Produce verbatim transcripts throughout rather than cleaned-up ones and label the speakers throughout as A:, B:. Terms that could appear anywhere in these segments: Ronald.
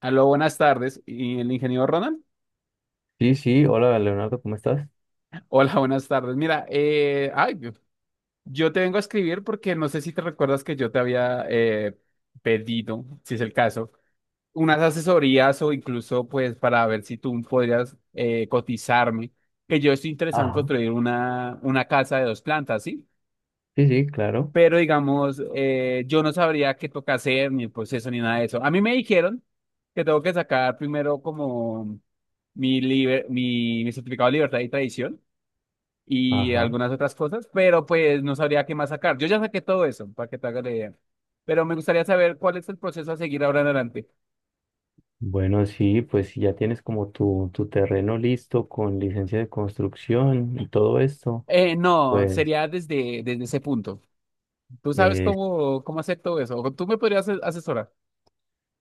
A: Aló, buenas tardes. ¿Y el ingeniero Ronald?
B: Sí, sí, hola Leonardo, ¿cómo estás?
A: Hola, buenas tardes. Mira, eh, ay, yo yo te vengo a escribir porque no sé si te recuerdas que yo te había eh, pedido, si es el caso, unas asesorías o incluso pues para ver si tú podrías eh, cotizarme, que yo estoy interesado en
B: Ajá.
A: construir una, una casa de dos plantas, ¿sí?
B: Sí, sí, claro.
A: Pero digamos, eh, yo no sabría qué toca hacer, ni el proceso, ni nada de eso. A mí me dijeron que tengo que sacar primero como mi, liber- mi, mi certificado de libertad y tradición y
B: Ajá.
A: algunas otras cosas, pero pues no sabría qué más sacar. Yo ya saqué todo eso, para que te hagas la idea. Pero me gustaría saber cuál es el proceso a seguir ahora en adelante.
B: Bueno, sí, pues si ya tienes como tu, tu terreno listo con licencia de construcción y todo esto.
A: Eh, no,
B: Pues,
A: sería desde, desde ese punto. ¿Tú sabes
B: eh,
A: cómo, cómo hacer todo eso? ¿O ¿Tú me podrías ases- asesorar?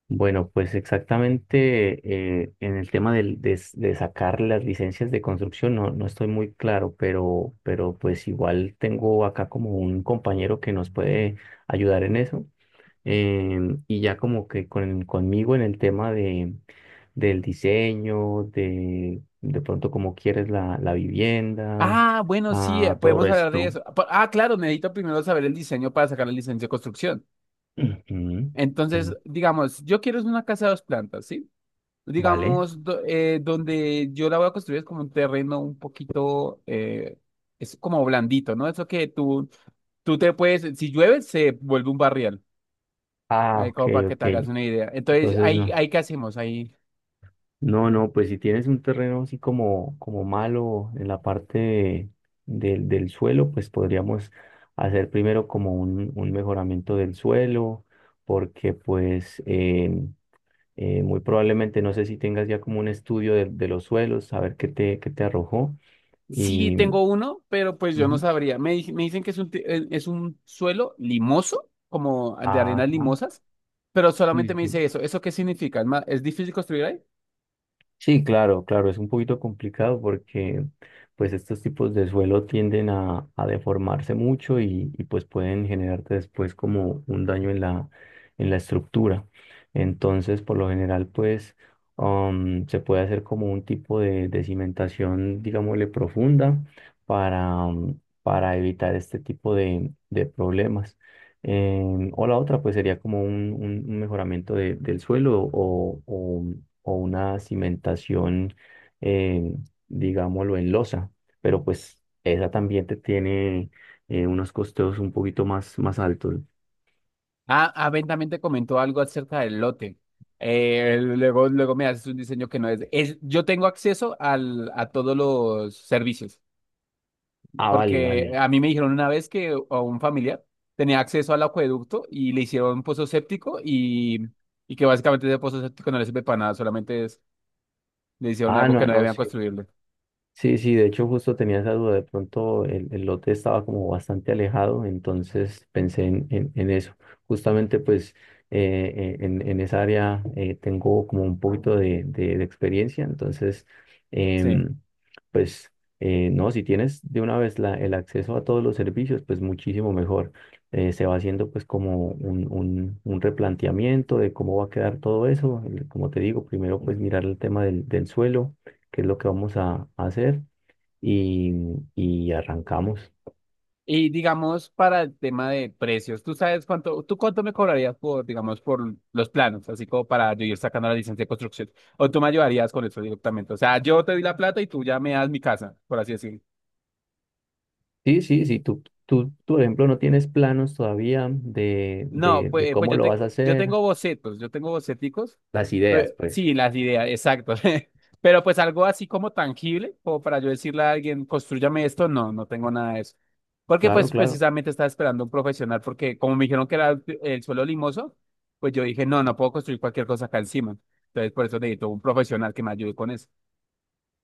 B: bueno, pues exactamente eh, en el tema del- de, s- de sacar las licencias de construcción no, no estoy muy claro, pero, pero pues igual tengo acá como un compañero que nos puede ayudar en eso. Em, y ya como que con, conmigo en el tema de, del diseño, de, de pronto cómo quieres la, la vivienda,
A: Ah, bueno, sí, eh,
B: ah, todo
A: podemos hablar de
B: esto.
A: eso. Pa- Ah, claro, necesito primero saber el diseño para sacar la licencia de construcción.
B: Ujú.
A: Entonces,
B: Mm.
A: digamos, yo quiero es una casa de dos plantas, ¿sí?
B: Vale.
A: Digamos, do- eh, donde yo la voy a construir es como un terreno un poquito, eh, es como blandito, ¿no? Eso que tú, tú te puedes, si llueve, se vuelve un barrial.
B: Ah,
A: Ahí
B: ok,
A: como para que te
B: ok.
A: hagas una idea. Entonces,
B: Entonces
A: ahí,
B: no.
A: ahí ¿qué hacemos? Ahí.
B: No, no, pues si tienes un terreno así como, como malo en la parte de- del del suelo, pues podríamos hacer primero como un, un mejoramiento del suelo, porque pues... em, Eh, muy probablemente, no sé si tengas ya como un estudio de, de los suelos, saber qué te, qué te arrojó.
A: Sí
B: Y,
A: tengo uno, pero pues yo no
B: Ujú.
A: sabría. Me, di- me dicen que es un, ti- eh, es un suelo limoso, como de arenas
B: Ajá.
A: limosas, pero solamente
B: Sí,
A: me
B: sí.
A: dice eso. ¿Eso qué significa? ¿Es, ma- es difícil construir ahí?
B: Sí, claro, claro, es un poquito complicado porque pues estos tipos de suelo tienden a, a deformarse mucho y, y, pues pueden generarte después como un daño en la, en la estructura. Entonces, por lo general, pues um, se puede hacer como un tipo de, de cimentación, digámosle, profunda para, um, para evitar este tipo de, de problemas. Em, o la otra, pues sería como un, un- un mejoramiento de- del suelo o, o o una cimentación, eh, digámoslo, en losa, pero pues esa también te tiene eh, unos costeos un poquito más, más altos.
A: Ah, ah, Ben también te comentó algo acerca del lote. Eh, luego, luego me haces un diseño que no es. Es- yo tengo acceso al, a todos los servicios,
B: Ah, vale,
A: porque
B: vale.
A: a mí me dijeron una vez que eh, a un familiar tenía acceso al acueducto y le hicieron un pozo séptico y, y que básicamente ese pozo séptico no le sirve para nada, solamente es le hicieron
B: Ah,
A: algo
B: no,
A: que no
B: no,
A: debían
B: sí.
A: construirle.
B: Sí, sí, de hecho justo tenía esa duda, de pronto el, el lote estaba como bastante alejado, entonces pensé en, en- en eso. Justamente pues eh, eh, en, en esa área eh, tengo como un poquito de, de- de experiencia, entonces
A: Sí.
B: em, pues eh, no, si tienes de una vez la- el acceso a todos los servicios, pues muchísimo mejor. Eh, se va haciendo pues como un, un- un replanteamiento de cómo va a quedar todo eso. El- como te digo, primero pues mirar el tema del del suelo qué es lo que vamos a, a hacer y, y arrancamos.
A: Y digamos, para el tema de precios, ¿tú sabes cuánto, tú cuánto me cobrarías por, digamos, por los planos, así como para yo ir sacando la licencia de construcción? ¿O tú me ayudarías con eso directamente? O sea, yo te doy la plata y tú ya me das mi casa, por así decirlo.
B: Sí, sí, sí, tú, tú, tú, por ejemplo, no tienes planos todavía de,
A: No,
B: de, de
A: pues, pues
B: cómo
A: yo,
B: lo
A: te-
B: vas a
A: yo
B: hacer.
A: tengo bocetos, yo tengo boceticos.
B: Las ideas,
A: Pe-
B: pues.
A: Sí, las ideas, exacto. Pero pues algo así como tangible, como para yo decirle a alguien, construyame esto, no, no tengo nada de eso. Porque
B: Claro,
A: pues
B: claro.
A: precisamente estaba esperando un profesional, porque como me dijeron que era el, el suelo limoso, pues yo dije, no, no puedo construir cualquier cosa acá encima. Entonces por eso necesito un profesional que me ayude con eso.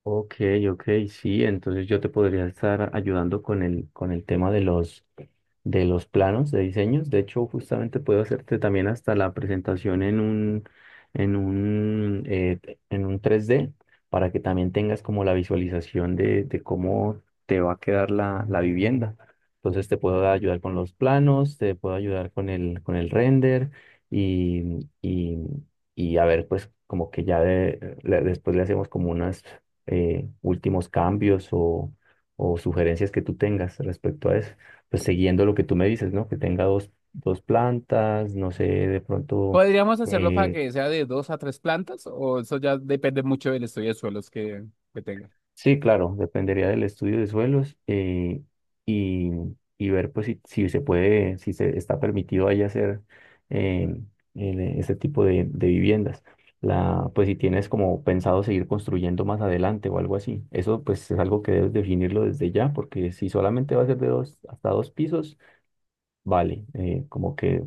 B: Ok, ok, sí, entonces yo te podría estar ayudando con el, con el tema de los, de los planos de diseños. De hecho, justamente puedo hacerte también hasta la presentación en un, en un, eh, en un tres d para que también tengas como la visualización de, de cómo te va a quedar la, la vivienda. Entonces te puedo ayudar con los planos, te puedo ayudar con el, con el render y, y, y a ver, pues como que ya de- le- después le hacemos como unas eh, últimos cambios o, o sugerencias que tú tengas respecto a eso. Pues siguiendo lo que tú me dices, ¿no? Que tenga dos, dos plantas, no sé, de pronto
A: Podríamos hacerlo para
B: eh,
A: que sea de dos a tres plantas, o eso ya depende mucho del estudio de suelos que, que tenga.
B: sí, claro, dependería del estudio de suelos eh, y, y ver pues si, si se puede, si se está permitido ahí hacer eh, el- ese tipo de, de viviendas. La, pues si tienes como pensado seguir construyendo más adelante o algo así. Eso pues es algo que debes definirlo desde ya, porque si solamente va a ser de dos hasta dos pisos, vale, eh, como que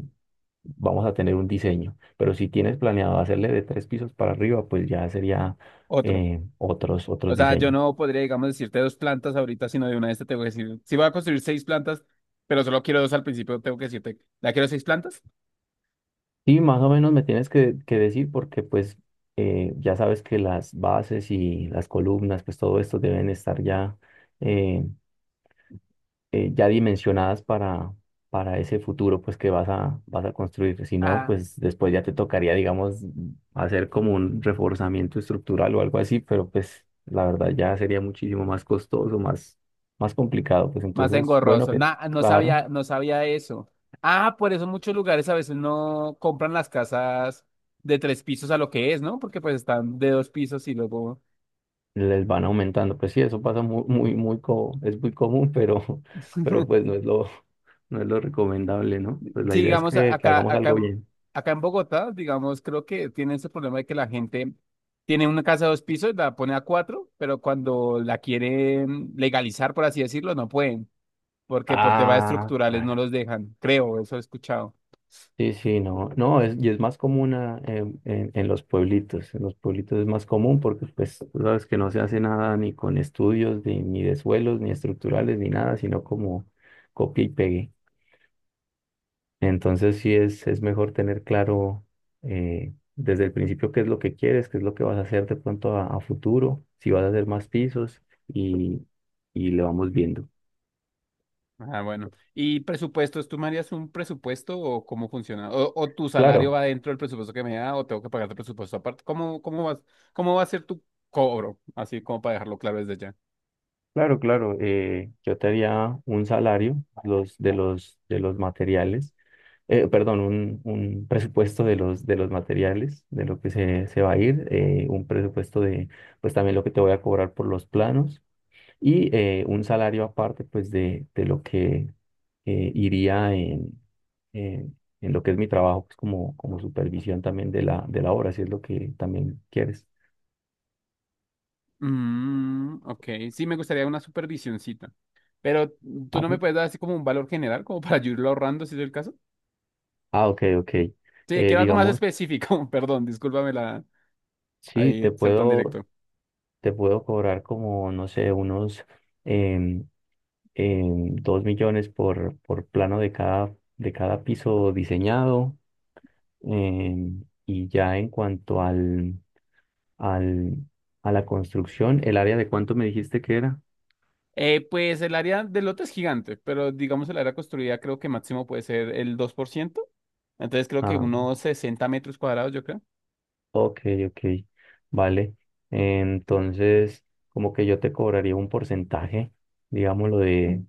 B: vamos a tener un diseño. Pero si tienes planeado hacerle de tres pisos para arriba, pues ya sería
A: Otro.
B: eh, otros, otros
A: O sea, yo
B: diseños.
A: no podría, digamos, decirte dos plantas ahorita, sino de una de estas tengo que decir, si voy a construir seis plantas, pero solo quiero dos al principio, tengo que decirte, ¿la quiero seis plantas?
B: Sí, más o menos me tienes que, que decir porque pues eh, ya sabes que las bases y las columnas, pues todo esto deben estar ya, eh, eh, ya dimensionadas para, para ese futuro pues que vas a, vas a construir. Si no,
A: Ah,
B: pues después ya te tocaría, digamos, hacer como un reforzamiento estructural o algo así, pero pues la verdad ya sería muchísimo más costoso, más, más complicado. Pues
A: más
B: entonces, bueno,
A: engorroso.
B: pero
A: Nah, no
B: claro.
A: sabía, no sabía eso. Ah, por eso muchos lugares a veces no compran las casas de tres pisos a lo que es, ¿no? Porque pues están de dos pisos y luego.
B: Les van aumentando. Pues sí, eso pasa muy, muy, muy, co- es muy común, pero, pero pues no es lo, no es lo recomendable, ¿no? Pues la
A: Sí,
B: idea es
A: digamos, a-
B: que, que
A: acá,
B: hagamos
A: acá,
B: algo
A: en-
B: bien.
A: acá en Bogotá, digamos, creo que tiene ese problema de que la gente tiene una casa de dos pisos, la pone a cuatro, pero cuando la quieren legalizar, por así decirlo, no pueden, porque por temas
B: Ah,
A: estructurales no
B: claro.
A: los dejan, creo, eso he escuchado.
B: Sí, sí, no, no, es, y es más común ah, en, en- en los pueblitos, en los pueblitos es más común porque pues tú sabes que no se hace nada ni con estudios, ni, ni de suelos, ni estructurales, ni nada, sino como copia y pegue. Entonces sí es, es mejor tener claro eh, desde el principio qué es lo que quieres, qué es lo que vas a hacer de pronto a, a futuro, si vas a hacer más pisos y, y le vamos viendo.
A: Ah, bueno. ¿Y presupuestos? ¿Tú me harías un presupuesto o cómo funciona? ¿O, o tu salario
B: Claro,
A: va dentro del presupuesto que me da o tengo que pagar el presupuesto aparte? ¿Cómo, cómo vas, cómo va a ser tu cobro? Así como para dejarlo claro desde ya.
B: claro, claro. eh, yo te haría un salario los, de los, de los materiales, eh, perdón, un, un presupuesto de los, de los materiales, de lo que se, se va a ir, eh, un presupuesto de, pues también lo que te voy a cobrar por los planos y eh, un salario aparte pues de, de lo que eh, iría en, en, en lo que es mi trabajo pues como, como supervisión también de la, de la obra, si es lo que también quieres.
A: Mm, ok, sí me gustaría una supervisioncita, pero tú no
B: Ajá.
A: me puedes dar así como un valor general, como para yo irlo ahorrando, si es el caso.
B: Ah, ok, ok.
A: Sí,
B: Eh,
A: quiero algo más
B: digamos,
A: específico, perdón, discúlpame la,
B: sí, te
A: ahí, ser tan
B: puedo,
A: directo.
B: te puedo cobrar como, no sé, unos em, em, dos millones por, por plano de cada, de cada piso diseñado. Em, y ya en cuanto al, al, a la construcción. ¿El área de cuánto me dijiste que era?
A: Eh, pues el área del lote es gigante, pero digamos el área construida creo que máximo puede ser el dos por ciento. Entonces creo que
B: Ah,
A: unos sesenta metros cuadrados, yo creo.
B: ok, ok, vale. Entonces, como que yo te cobraría un porcentaje, digámoslo, de,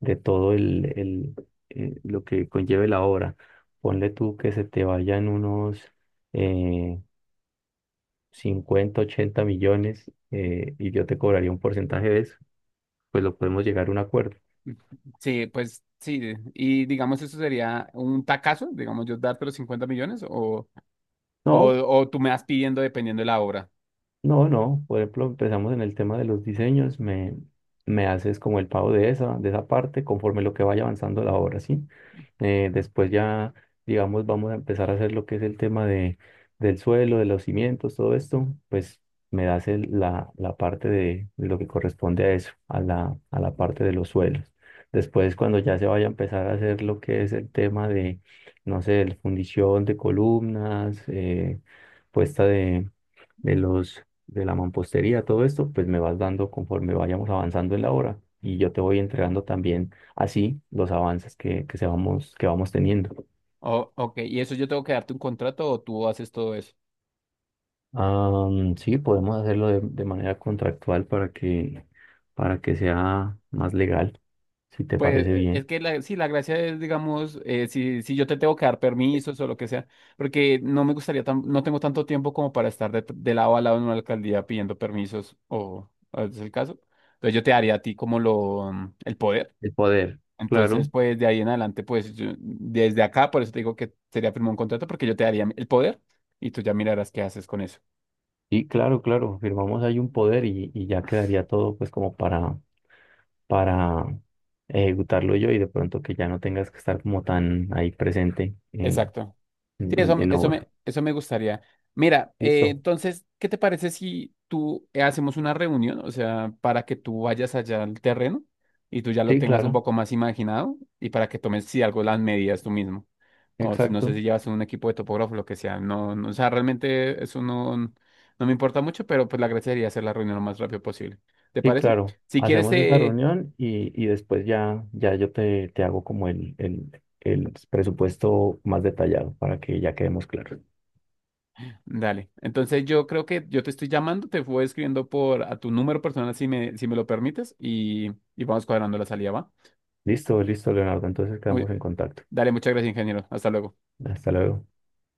B: de todo el, el, eh, lo que conlleve la obra. Ponle tú que se te vayan unos eh, cincuenta, ochenta millones eh, y yo te cobraría un porcentaje de eso, pues lo podemos llegar a un acuerdo.
A: Sí, pues sí, y digamos eso sería un tacazo, digamos yo darte los cincuenta millones o, o,
B: No.
A: o tú me vas pidiendo dependiendo de la obra.
B: No, no, por ejemplo, empezamos en el tema de los diseños, me, me haces como el pago de esa, de esa parte conforme lo que vaya avanzando la obra, ¿sí? Eh, después ya, digamos, vamos a empezar a hacer lo que es el tema de, del suelo, de los cimientos, todo esto, pues me das el- la, la parte de, de lo que corresponde a eso, a la, a la parte de los suelos. Después, cuando ya se vaya a empezar a hacer lo que es el tema de, no sé, el fundición de columnas, eh, puesta de de los de la mampostería, todo esto, pues me vas dando conforme vayamos avanzando en la obra y yo te voy entregando también así los avances que, que, se vamos, que vamos teniendo.
A: Oh, ok, ¿y eso yo tengo que darte un contrato o tú haces todo eso?
B: Am, sí, podemos hacerlo de, de manera contractual para que, para que sea más legal, si te
A: Pues
B: parece
A: eh, es
B: bien.
A: que la, sí, la gracia es, digamos, eh, si, si yo te tengo que dar permisos o lo que sea, porque no me gustaría, tan- no tengo tanto tiempo como para estar de, de lado a lado en una alcaldía pidiendo permisos o, o es el caso. Entonces yo te daría a ti como lo, mm, el poder.
B: El poder.
A: Entonces,
B: Claro,
A: pues de ahí en adelante, pues yo- desde acá, por eso te digo que sería firmar un contrato porque yo te daría el poder y tú ya mirarás qué haces con eso.
B: y claro, claro, firmamos ahí un poder y, y ya quedaría todo pues como para, para ejecutarlo yo y de pronto que ya no tengas que estar como tan ahí presente eh,
A: Exacto. Sí,
B: en, en-
A: eso, me-
B: en
A: eso
B: obra.
A: me, eso me gustaría. Mira, eh,
B: ¿Listo?
A: entonces, ¿qué te parece si tú eh, hacemos una reunión? O sea, para que tú vayas allá al terreno y tú ya lo
B: Sí,
A: tengas un
B: claro,
A: poco más imaginado y para que tomes, si algo, las medidas tú mismo. O si no
B: exacto.
A: sé si llevas un equipo de topógrafo, lo que sea. No, no, o sea, realmente eso no, no me importa mucho, pero pues la gracia sería hacer la reunión lo más rápido posible. ¿Te
B: Sí,
A: parece?
B: claro.
A: Si quieres,
B: Hacemos esa
A: eh,
B: reunión y, y después ya, ya yo te, te hago como el, el, el presupuesto más detallado para que ya quedemos claros.
A: dale. Entonces yo creo que yo te estoy llamando, te voy escribiendo por a tu número personal si me, si me lo permites y, y vamos cuadrando la salida, ¿va?
B: Listo, listo, Leonardo. Entonces
A: Muy,
B: quedamos en contacto.
A: Dale, muchas gracias, ingeniero. Hasta luego.
B: Hasta luego.